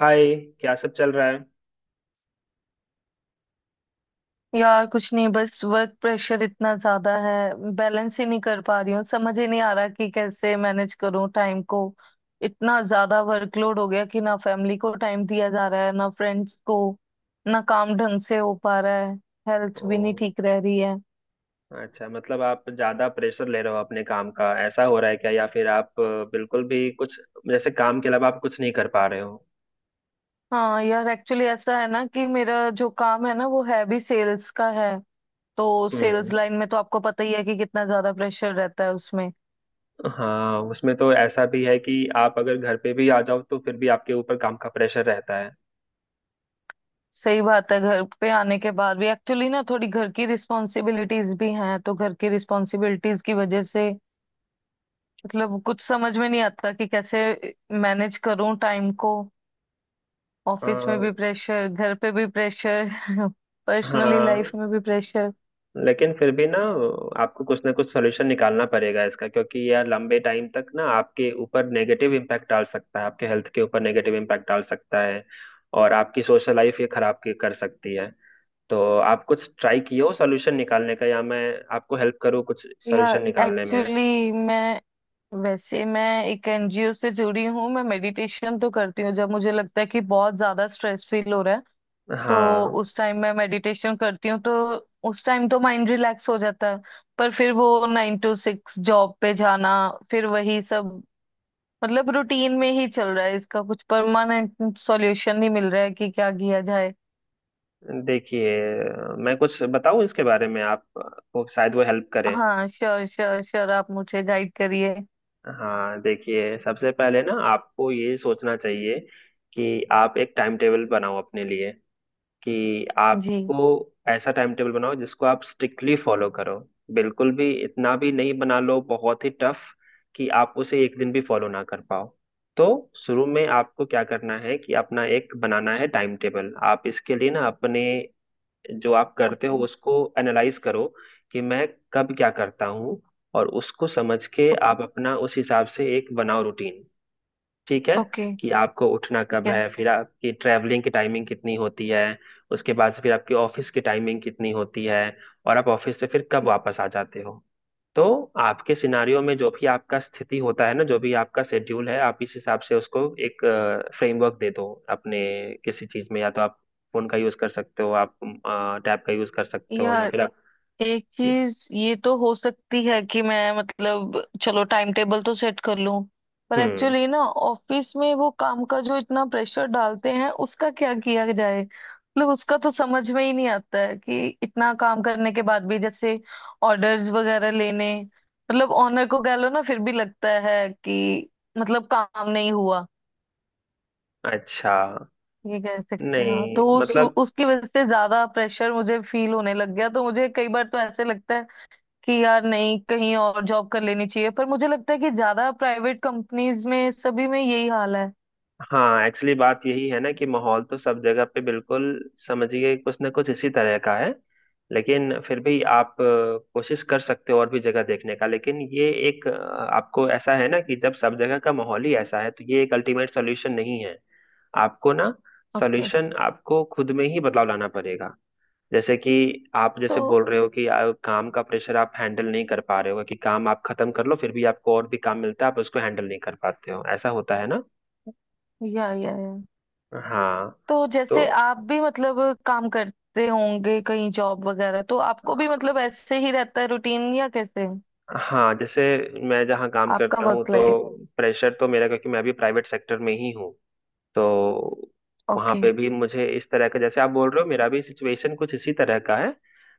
हाय। क्या सब चल रहा है? यार कुछ नहीं, बस वर्क प्रेशर इतना ज्यादा है। बैलेंस ही नहीं कर पा रही हूँ, समझ ही नहीं आ रहा कि कैसे मैनेज करूँ टाइम को। इतना ज्यादा वर्कलोड हो गया कि ना फैमिली को टाइम दिया जा रहा है ना फ्रेंड्स को, ना काम ढंग से हो पा रहा है, हेल्थ ओ, भी नहीं ठीक रह रही है। अच्छा। मतलब आप ज्यादा प्रेशर ले रहे हो अपने काम का, ऐसा हो रहा है क्या? या फिर आप बिल्कुल भी कुछ, जैसे काम के अलावा आप कुछ नहीं कर पा रहे हो? हाँ यार, एक्चुअली ऐसा है ना कि मेरा जो काम है ना वो है भी सेल्स का है। तो सेल्स हम्म। लाइन में तो आपको पता ही है कि कितना ज्यादा प्रेशर रहता है उसमें। हाँ, उसमें तो ऐसा भी है कि आप अगर घर पे भी आ जाओ तो फिर भी आपके ऊपर काम का प्रेशर रहता है। सही बात है, घर पे आने के बाद भी एक्चुअली ना थोड़ी घर की रिस्पॉन्सिबिलिटीज भी हैं, तो घर की रिस्पॉन्सिबिलिटीज की वजह से मतलब कुछ समझ में नहीं आता कि कैसे मैनेज करूं टाइम को। ऑफिस में हाँ। भी प्रेशर, घर पे भी प्रेशर, पर्सनली हाँ, लाइफ में भी प्रेशर। लेकिन फिर भी ना, आपको कुछ ना कुछ सोल्यूशन निकालना पड़ेगा इसका, क्योंकि यह लंबे टाइम तक ना आपके ऊपर नेगेटिव इम्पैक्ट डाल सकता है, आपके हेल्थ के ऊपर नेगेटिव इम्पैक्ट डाल सकता है। और आपकी सोशल लाइफ ये खराब कर सकती है। तो आप कुछ ट्राई किए हो सोल्यूशन निकालने का, या मैं आपको हेल्प करूँ कुछ या सोल्यूशन निकालने में? एक्चुअली मैं, वैसे मैं एक एनजीओ से जुड़ी हूँ, मैं मेडिटेशन तो करती हूँ जब मुझे लगता है कि बहुत ज्यादा स्ट्रेस फील हो रहा है। तो हाँ, उस टाइम मैं मेडिटेशन करती हूँ, तो उस टाइम तो माइंड रिलैक्स हो जाता है। पर फिर वो 9 to 6 जॉब पे जाना, फिर वही सब, मतलब रूटीन में ही चल रहा है, इसका कुछ परमानेंट सॉल्यूशन नहीं मिल रहा है कि क्या किया जाए। देखिए मैं कुछ बताऊं इसके बारे में, आप, वो शायद वो हेल्प करे। हाँ श्योर श्योर श्योर, आप मुझे गाइड करिए। हाँ, देखिए सबसे पहले ना आपको ये सोचना चाहिए कि आप एक टाइम टेबल बनाओ अपने लिए, कि जी। आपको ऐसा टाइम टेबल बनाओ जिसको आप स्ट्रिक्टली फॉलो करो। बिल्कुल भी इतना भी नहीं बना लो बहुत ही टफ, कि आप उसे एक दिन भी फॉलो ना कर पाओ। तो शुरू में आपको क्या करना है कि अपना एक बनाना है टाइम टेबल। आप इसके लिए ना अपने, जो आप करते हो ओके उसको एनालाइज करो, कि मैं कब क्या करता हूँ, और उसको समझ के ओके आप अपना उस हिसाब से एक बनाओ रूटीन। ठीक है। ओके। कि आपको उठना ठीक कब है। है, फिर आपकी ट्रैवलिंग की टाइमिंग कितनी होती है, उसके बाद से फिर आपकी ऑफिस की टाइमिंग कितनी होती है, और आप ऑफिस से फिर कब ठीक। वापस आ जाते हो। तो आपके सिनारियो में जो भी आपका स्थिति होता है ना, जो भी आपका शेड्यूल है, आप इस हिसाब से उसको एक फ्रेमवर्क दे दो अपने किसी चीज में, या तो आप फोन का यूज कर सकते हो, आप टैब का यूज कर सकते हो, या यार फिर आप, एक चीज ये तो हो सकती है कि मैं मतलब चलो टाइम टेबल तो सेट कर लूं, पर हम्म। एक्चुअली ना ऑफिस में वो काम का जो इतना प्रेशर डालते हैं उसका क्या किया जाए, मतलब उसका तो समझ में ही नहीं आता है कि इतना काम करने के बाद भी जैसे ऑर्डर्स वगैरह लेने, मतलब ऑनर को कह लो ना, फिर भी लगता है कि मतलब काम नहीं हुआ, अच्छा। ये कह सकते हैं। हाँ, नहीं, तो उस मतलब, उसकी वजह से ज्यादा प्रेशर मुझे फील होने लग गया। तो मुझे कई बार तो ऐसे लगता है कि यार नहीं कहीं और जॉब कर लेनी चाहिए, पर मुझे लगता है कि ज्यादा प्राइवेट कंपनीज में सभी में यही हाल है। हाँ, एक्चुअली बात यही है ना कि माहौल तो सब जगह पे बिल्कुल, समझिए, कुछ ना कुछ इसी तरह का है। लेकिन फिर भी आप कोशिश कर सकते हो और भी जगह देखने का, लेकिन ये एक आपको ऐसा है ना कि जब सब जगह का माहौल ही ऐसा है तो ये एक अल्टीमेट सॉल्यूशन नहीं है। आपको ना, ओके। सॉल्यूशन आपको खुद में ही बदलाव लाना पड़ेगा। जैसे कि आप तो जैसे बोल रहे हो कि काम का प्रेशर आप हैंडल नहीं कर पा रहे हो, कि काम आप खत्म कर लो फिर भी आपको और भी काम मिलता है, आप उसको हैंडल नहीं कर पाते हो, ऐसा होता है ना? या या। हाँ, तो तो जैसे आप भी मतलब काम करते होंगे कहीं जॉब वगैरह, तो अ, आपको भी मतलब ऐसे ही रहता है रूटीन या कैसे है हाँ, जैसे मैं जहाँ काम आपका करता हूँ वर्क तो लाइफ। प्रेशर तो मेरा, क्योंकि मैं भी प्राइवेट सेक्टर में ही हूँ। तो वहाँ ओके। पे भी मुझे इस तरह का, जैसे आप बोल रहे हो, मेरा भी सिचुएशन कुछ इसी तरह का है।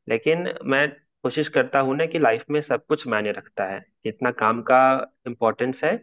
लेकिन मैं कोशिश करता हूँ ना कि लाइफ में सब कुछ मायने रखता है। जितना काम का इम्पोर्टेंस है,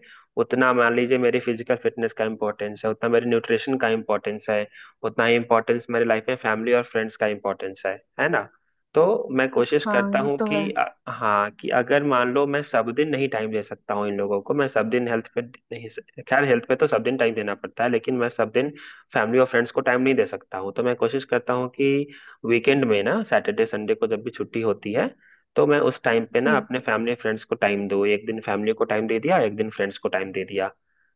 उतना मान लीजिए मेरी फिजिकल फिटनेस का इम्पोर्टेंस है, उतना मेरे न्यूट्रिशन का इम्पोर्टेंस है, उतना ही इम्पोर्टेंस मेरी लाइफ में फैमिली और फ्रेंड्स का इम्पोर्टेंस है ना? तो मैं कोशिश करता हाँ ये हूँ तो कि है। हाँ, कि अगर मान लो मैं सब दिन नहीं टाइम दे सकता हूँ इन लोगों को, मैं सब दिन हेल्थ पे नहीं, खैर हेल्थ पे तो सब दिन टाइम देना पड़ता है, लेकिन मैं सब दिन फैमिली और फ्रेंड्स को टाइम नहीं दे सकता हूँ, तो मैं कोशिश करता हूँ कि वीकेंड में ना, सैटरडे संडे को जब भी छुट्टी होती है, तो मैं उस टाइम पे ना जी। अपने फैमिली फ्रेंड्स को टाइम दूँ। एक दिन फैमिली को टाइम दे दिया, एक दिन फ्रेंड्स को टाइम दे दिया।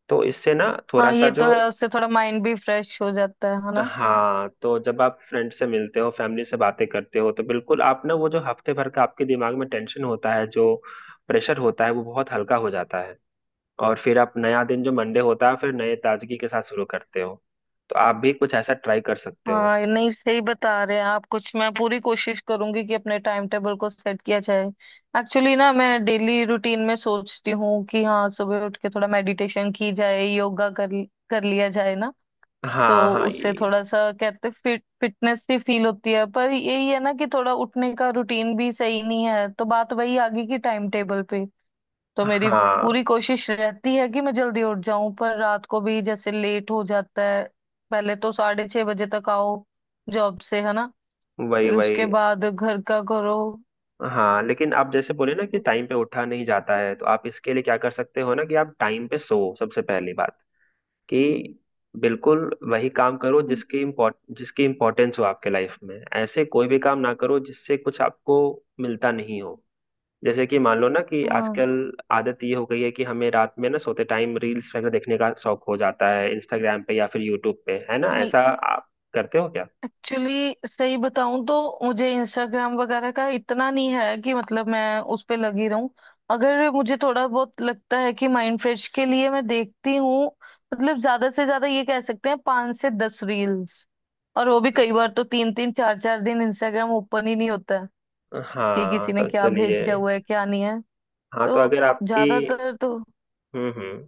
तो इससे ना थोड़ा हाँ सा ये जो, तो है, उससे थोड़ा माइंड भी फ्रेश हो जाता है ना। हाँ, तो जब आप फ्रेंड से मिलते हो, फैमिली से बातें करते हो, तो बिल्कुल आप ना वो जो हफ्ते भर का आपके दिमाग में टेंशन होता है, जो प्रेशर होता है, वो बहुत हल्का हो जाता है। और फिर आप नया दिन जो मंडे होता है, फिर नए ताजगी के साथ शुरू करते हो। तो आप भी कुछ ऐसा ट्राई कर सकते हो। हाँ, ये नहीं सही बता रहे हैं आप कुछ, मैं पूरी कोशिश करूंगी कि अपने टाइम टेबल को सेट किया जाए। एक्चुअली ना मैं डेली रूटीन में सोचती हूँ कि हाँ सुबह उठ के थोड़ा मेडिटेशन की जाए, योगा कर कर लिया जाए ना। हाँ, तो हाँ, उससे ये। थोड़ा सा कहते फिट फिटनेस सी फील होती है, पर यही है ना कि थोड़ा उठने का रूटीन भी सही नहीं है, तो बात वही आ गई कि टाइम टेबल पे। तो मेरी हाँ, पूरी कोशिश रहती है कि मैं जल्दी उठ जाऊं, पर रात को भी जैसे लेट हो जाता है, पहले तो 6:30 बजे तक आओ जॉब से है ना, वही, फिर वही, उसके बाद घर का करो। हाँ। लेकिन आप जैसे बोले ना कि टाइम पे उठा नहीं जाता है, तो आप इसके लिए क्या कर सकते हो ना, कि आप टाइम पे सो, सबसे पहली बात कि बिल्कुल वही काम करो जिसकी इम्पोर्टेंस हो आपके लाइफ में। ऐसे कोई भी काम ना करो जिससे कुछ आपको मिलता नहीं हो। जैसे कि मान लो ना, कि हाँ आजकल आदत ये हो गई है कि हमें रात में ना सोते टाइम रील्स वगैरह देखने का शौक हो जाता है, इंस्टाग्राम पे या फिर यूट्यूब पे, है ना? हाँ। ऐसा आप करते हो क्या? एक्चुअली सही बताऊं तो मुझे इंस्टाग्राम वगैरह का इतना नहीं है कि मतलब मैं उस पे लगी रहूं। अगर मुझे थोड़ा बहुत लगता है कि माइंड फ्रेश के लिए मैं देखती हूँ, मतलब ज्यादा से ज्यादा ये कह सकते हैं 5 से 10 रील्स। और वो भी कई बार तो तीन तीन चार चार दिन इंस्टाग्राम ओपन ही नहीं होता है कि हाँ, किसी ने तो क्या चलिए। भेजा हुआ है क्या नहीं है। हाँ, तो तो अगर आपकी, ज्यादातर तो हम्म, हम्म,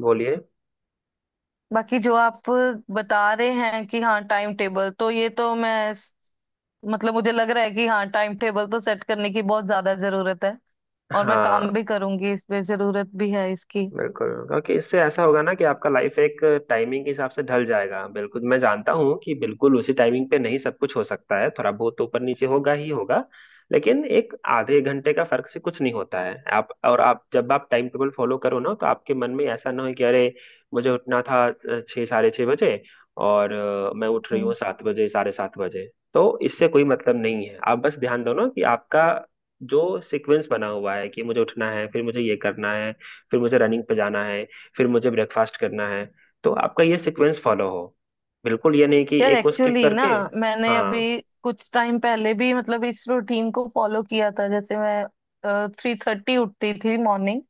बोलिए। बाकी जो आप बता रहे हैं कि हाँ टाइम टेबल तो ये तो मैं मतलब मुझे लग रहा है कि हाँ टाइम टेबल तो सेट करने की बहुत ज्यादा जरूरत है। और मैं काम हाँ, भी करूंगी इस पे, जरूरत भी है इसकी। बिल्कुल, क्योंकि इससे ऐसा होगा ना कि आपका लाइफ एक टाइमिंग के हिसाब से ढल जाएगा। बिल्कुल, मैं जानता हूँ कि बिल्कुल उसी टाइमिंग पे नहीं सब कुछ हो सकता है, थोड़ा बहुत तो ऊपर नीचे होगा ही होगा। लेकिन एक आधे घंटे का फर्क से कुछ नहीं होता है आप। और आप जब आप टाइम टेबल फॉलो करो ना तो आपके मन में ऐसा ना हो कि अरे, मुझे उठना था 6, 6:30 बजे, और मैं उठ रही हम्म। हूँ 7 बजे, 7:30 बजे। तो इससे कोई मतलब नहीं है। आप बस ध्यान दो ना कि आपका जो सीक्वेंस बना हुआ है, कि मुझे उठना है, फिर मुझे ये करना है, फिर मुझे रनिंग पे जाना है, फिर मुझे ब्रेकफास्ट करना है, तो आपका ये सीक्वेंस फॉलो हो, बिल्कुल ये नहीं कि यार एक को स्किप एक्चुअली ना करके। मैंने अभी हाँ, कुछ टाइम पहले भी मतलब इस रूटीन को फॉलो किया था, जैसे मैं 3:30 उठती थी मॉर्निंग।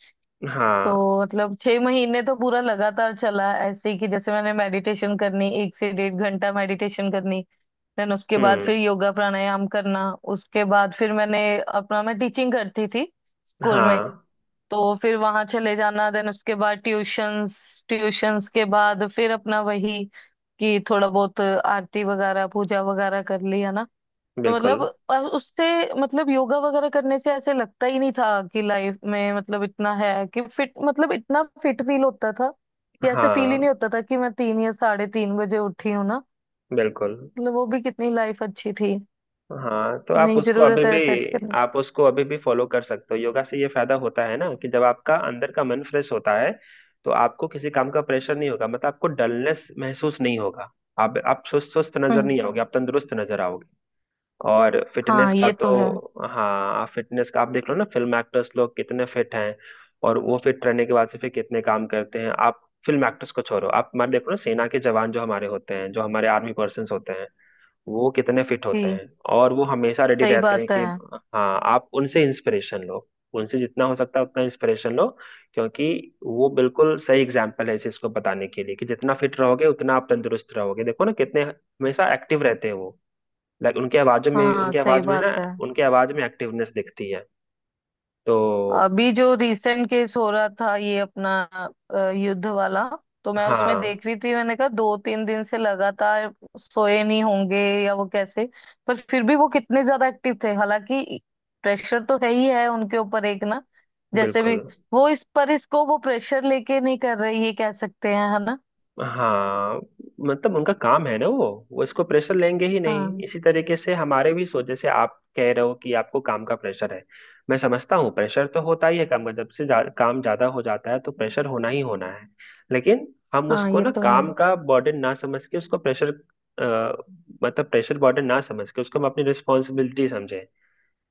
तो हाँ। मतलब 6 महीने तो पूरा लगातार चला ऐसे ही, कि जैसे मैंने मेडिटेशन करनी, एक से डेढ़ घंटा मेडिटेशन करनी, देन उसके बाद हम्म। फिर योगा प्राणायाम करना, उसके बाद फिर मैंने अपना, मैं टीचिंग करती थी स्कूल में, हाँ, तो फिर वहां चले जाना, देन उसके बाद ट्यूशंस, ट्यूशंस के बाद फिर अपना वही कि थोड़ा बहुत आरती वगैरह पूजा वगैरह कर लिया ना। तो बिल्कुल। मतलब उससे मतलब योगा वगैरह करने से ऐसे लगता ही नहीं था कि लाइफ में, मतलब इतना है कि फिट, मतलब इतना फिट फील होता था कि ऐसे फील ही हाँ, नहीं होता था कि मैं 3 या 3:30 बजे उठी हूँ ना। बिल्कुल। मतलब वो भी कितनी लाइफ अच्छी थी। हाँ, तो आप नहीं, उसको अभी जरूरत भी है सेट करने। आप उसको अभी भी फॉलो कर सकते हो। योगा से ये फायदा होता है ना कि जब आपका अंदर का मन फ्रेश होता है, तो आपको किसी काम का प्रेशर नहीं होगा, मतलब आपको डलनेस महसूस नहीं होगा, आप सुस्त सुस्त नजर हम्म। नहीं आओगे, आप तंदुरुस्त नजर आओगे। और फिटनेस हाँ का ये तो है। तो, हाँ, फिटनेस का आप देख लो ना, फिल्म एक्टर्स लोग कितने फिट हैं। और वो फिट रहने के बाद से फिर कितने काम करते हैं। आप फिल्म एक्टर्स को छोड़ो, आप हमारे देखो ना सेना के जवान जो हमारे होते हैं, जो हमारे आर्मी पर्सन होते हैं, वो कितने फिट होते जी। हैं। और वो हमेशा रेडी सही रहते हैं बात है। कि, हाँ, आप उनसे इंस्पिरेशन लो। उनसे जितना हो सकता है उतना इंस्पिरेशन लो, क्योंकि वो बिल्कुल सही एग्जाम्पल है इस चीज को बताने के लिए कि जितना फिट रहोगे उतना आप तंदुरुस्त रहोगे। देखो ना कितने हमेशा एक्टिव रहते हैं वो। लाइक हाँ उनके सही आवाज में बात ना, है। उनके आवाज में एक्टिवनेस दिखती है। तो, अभी जो रिसेंट केस हो रहा था ये अपना युद्ध वाला, तो मैं उसमें हाँ, देख रही थी, मैंने कहा दो तीन दिन से लगातार सोए नहीं होंगे या वो कैसे, पर फिर भी वो कितने ज्यादा एक्टिव थे। हालांकि प्रेशर तो है ही है उनके ऊपर एक ना, जैसे भी, बिल्कुल। वो इस पर इसको वो प्रेशर लेके नहीं कर रही, ये कह सकते हैं है ना। हाँ, मतलब उनका काम है ना, वो इसको प्रेशर लेंगे ही नहीं। हाँ इसी तरीके से हमारे भी सोच, जैसे आप कह रहे हो कि आपको काम का प्रेशर है। मैं समझता हूँ, प्रेशर तो होता ही है काम का, जब से काम ज्यादा हो जाता है तो प्रेशर होना ही होना है। लेकिन हम हाँ उसको ये ना तो है। काम का बर्डन ना समझ के उसको प्रेशर, मतलब प्रेशर बर्डन ना समझ के उसको हम अपनी रिस्पॉन्सिबिलिटी समझे,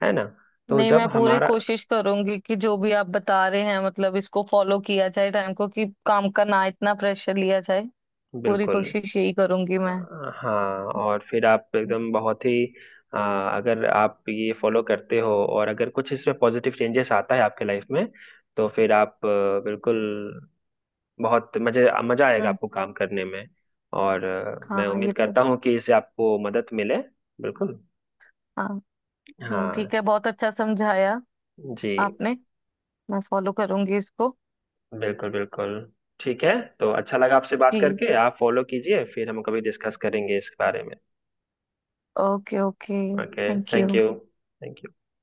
है ना? तो नहीं, जब मैं पूरी हमारा, कोशिश करूंगी कि जो भी आप बता रहे हैं मतलब इसको फॉलो किया जाए टाइम को, कि काम का ना इतना प्रेशर लिया जाए। पूरी बिल्कुल, कोशिश यही करूंगी मैं। अ, हाँ, और फिर आप एकदम बहुत ही अगर आप ये फॉलो करते हो और अगर कुछ इसमें पॉजिटिव चेंजेस आता है आपके लाइफ में, तो फिर आप बिल्कुल, बहुत मजे मजा आएगा हम्म। आपको काम करने में। और मैं हाँ उम्मीद ये तो। करता हूँ कि इससे आपको मदद मिले। बिल्कुल। हाँ। नहीं ठीक हाँ। है, बहुत अच्छा समझाया जी, आपने। मैं फॉलो करूंगी इसको। बिल्कुल बिल्कुल, ठीक है। तो अच्छा लगा आपसे बात जी। करके। आप फॉलो कीजिए, फिर हम कभी डिस्कस करेंगे इस बारे में। Okay okay. Okay. Thank thank you. You. Thank you.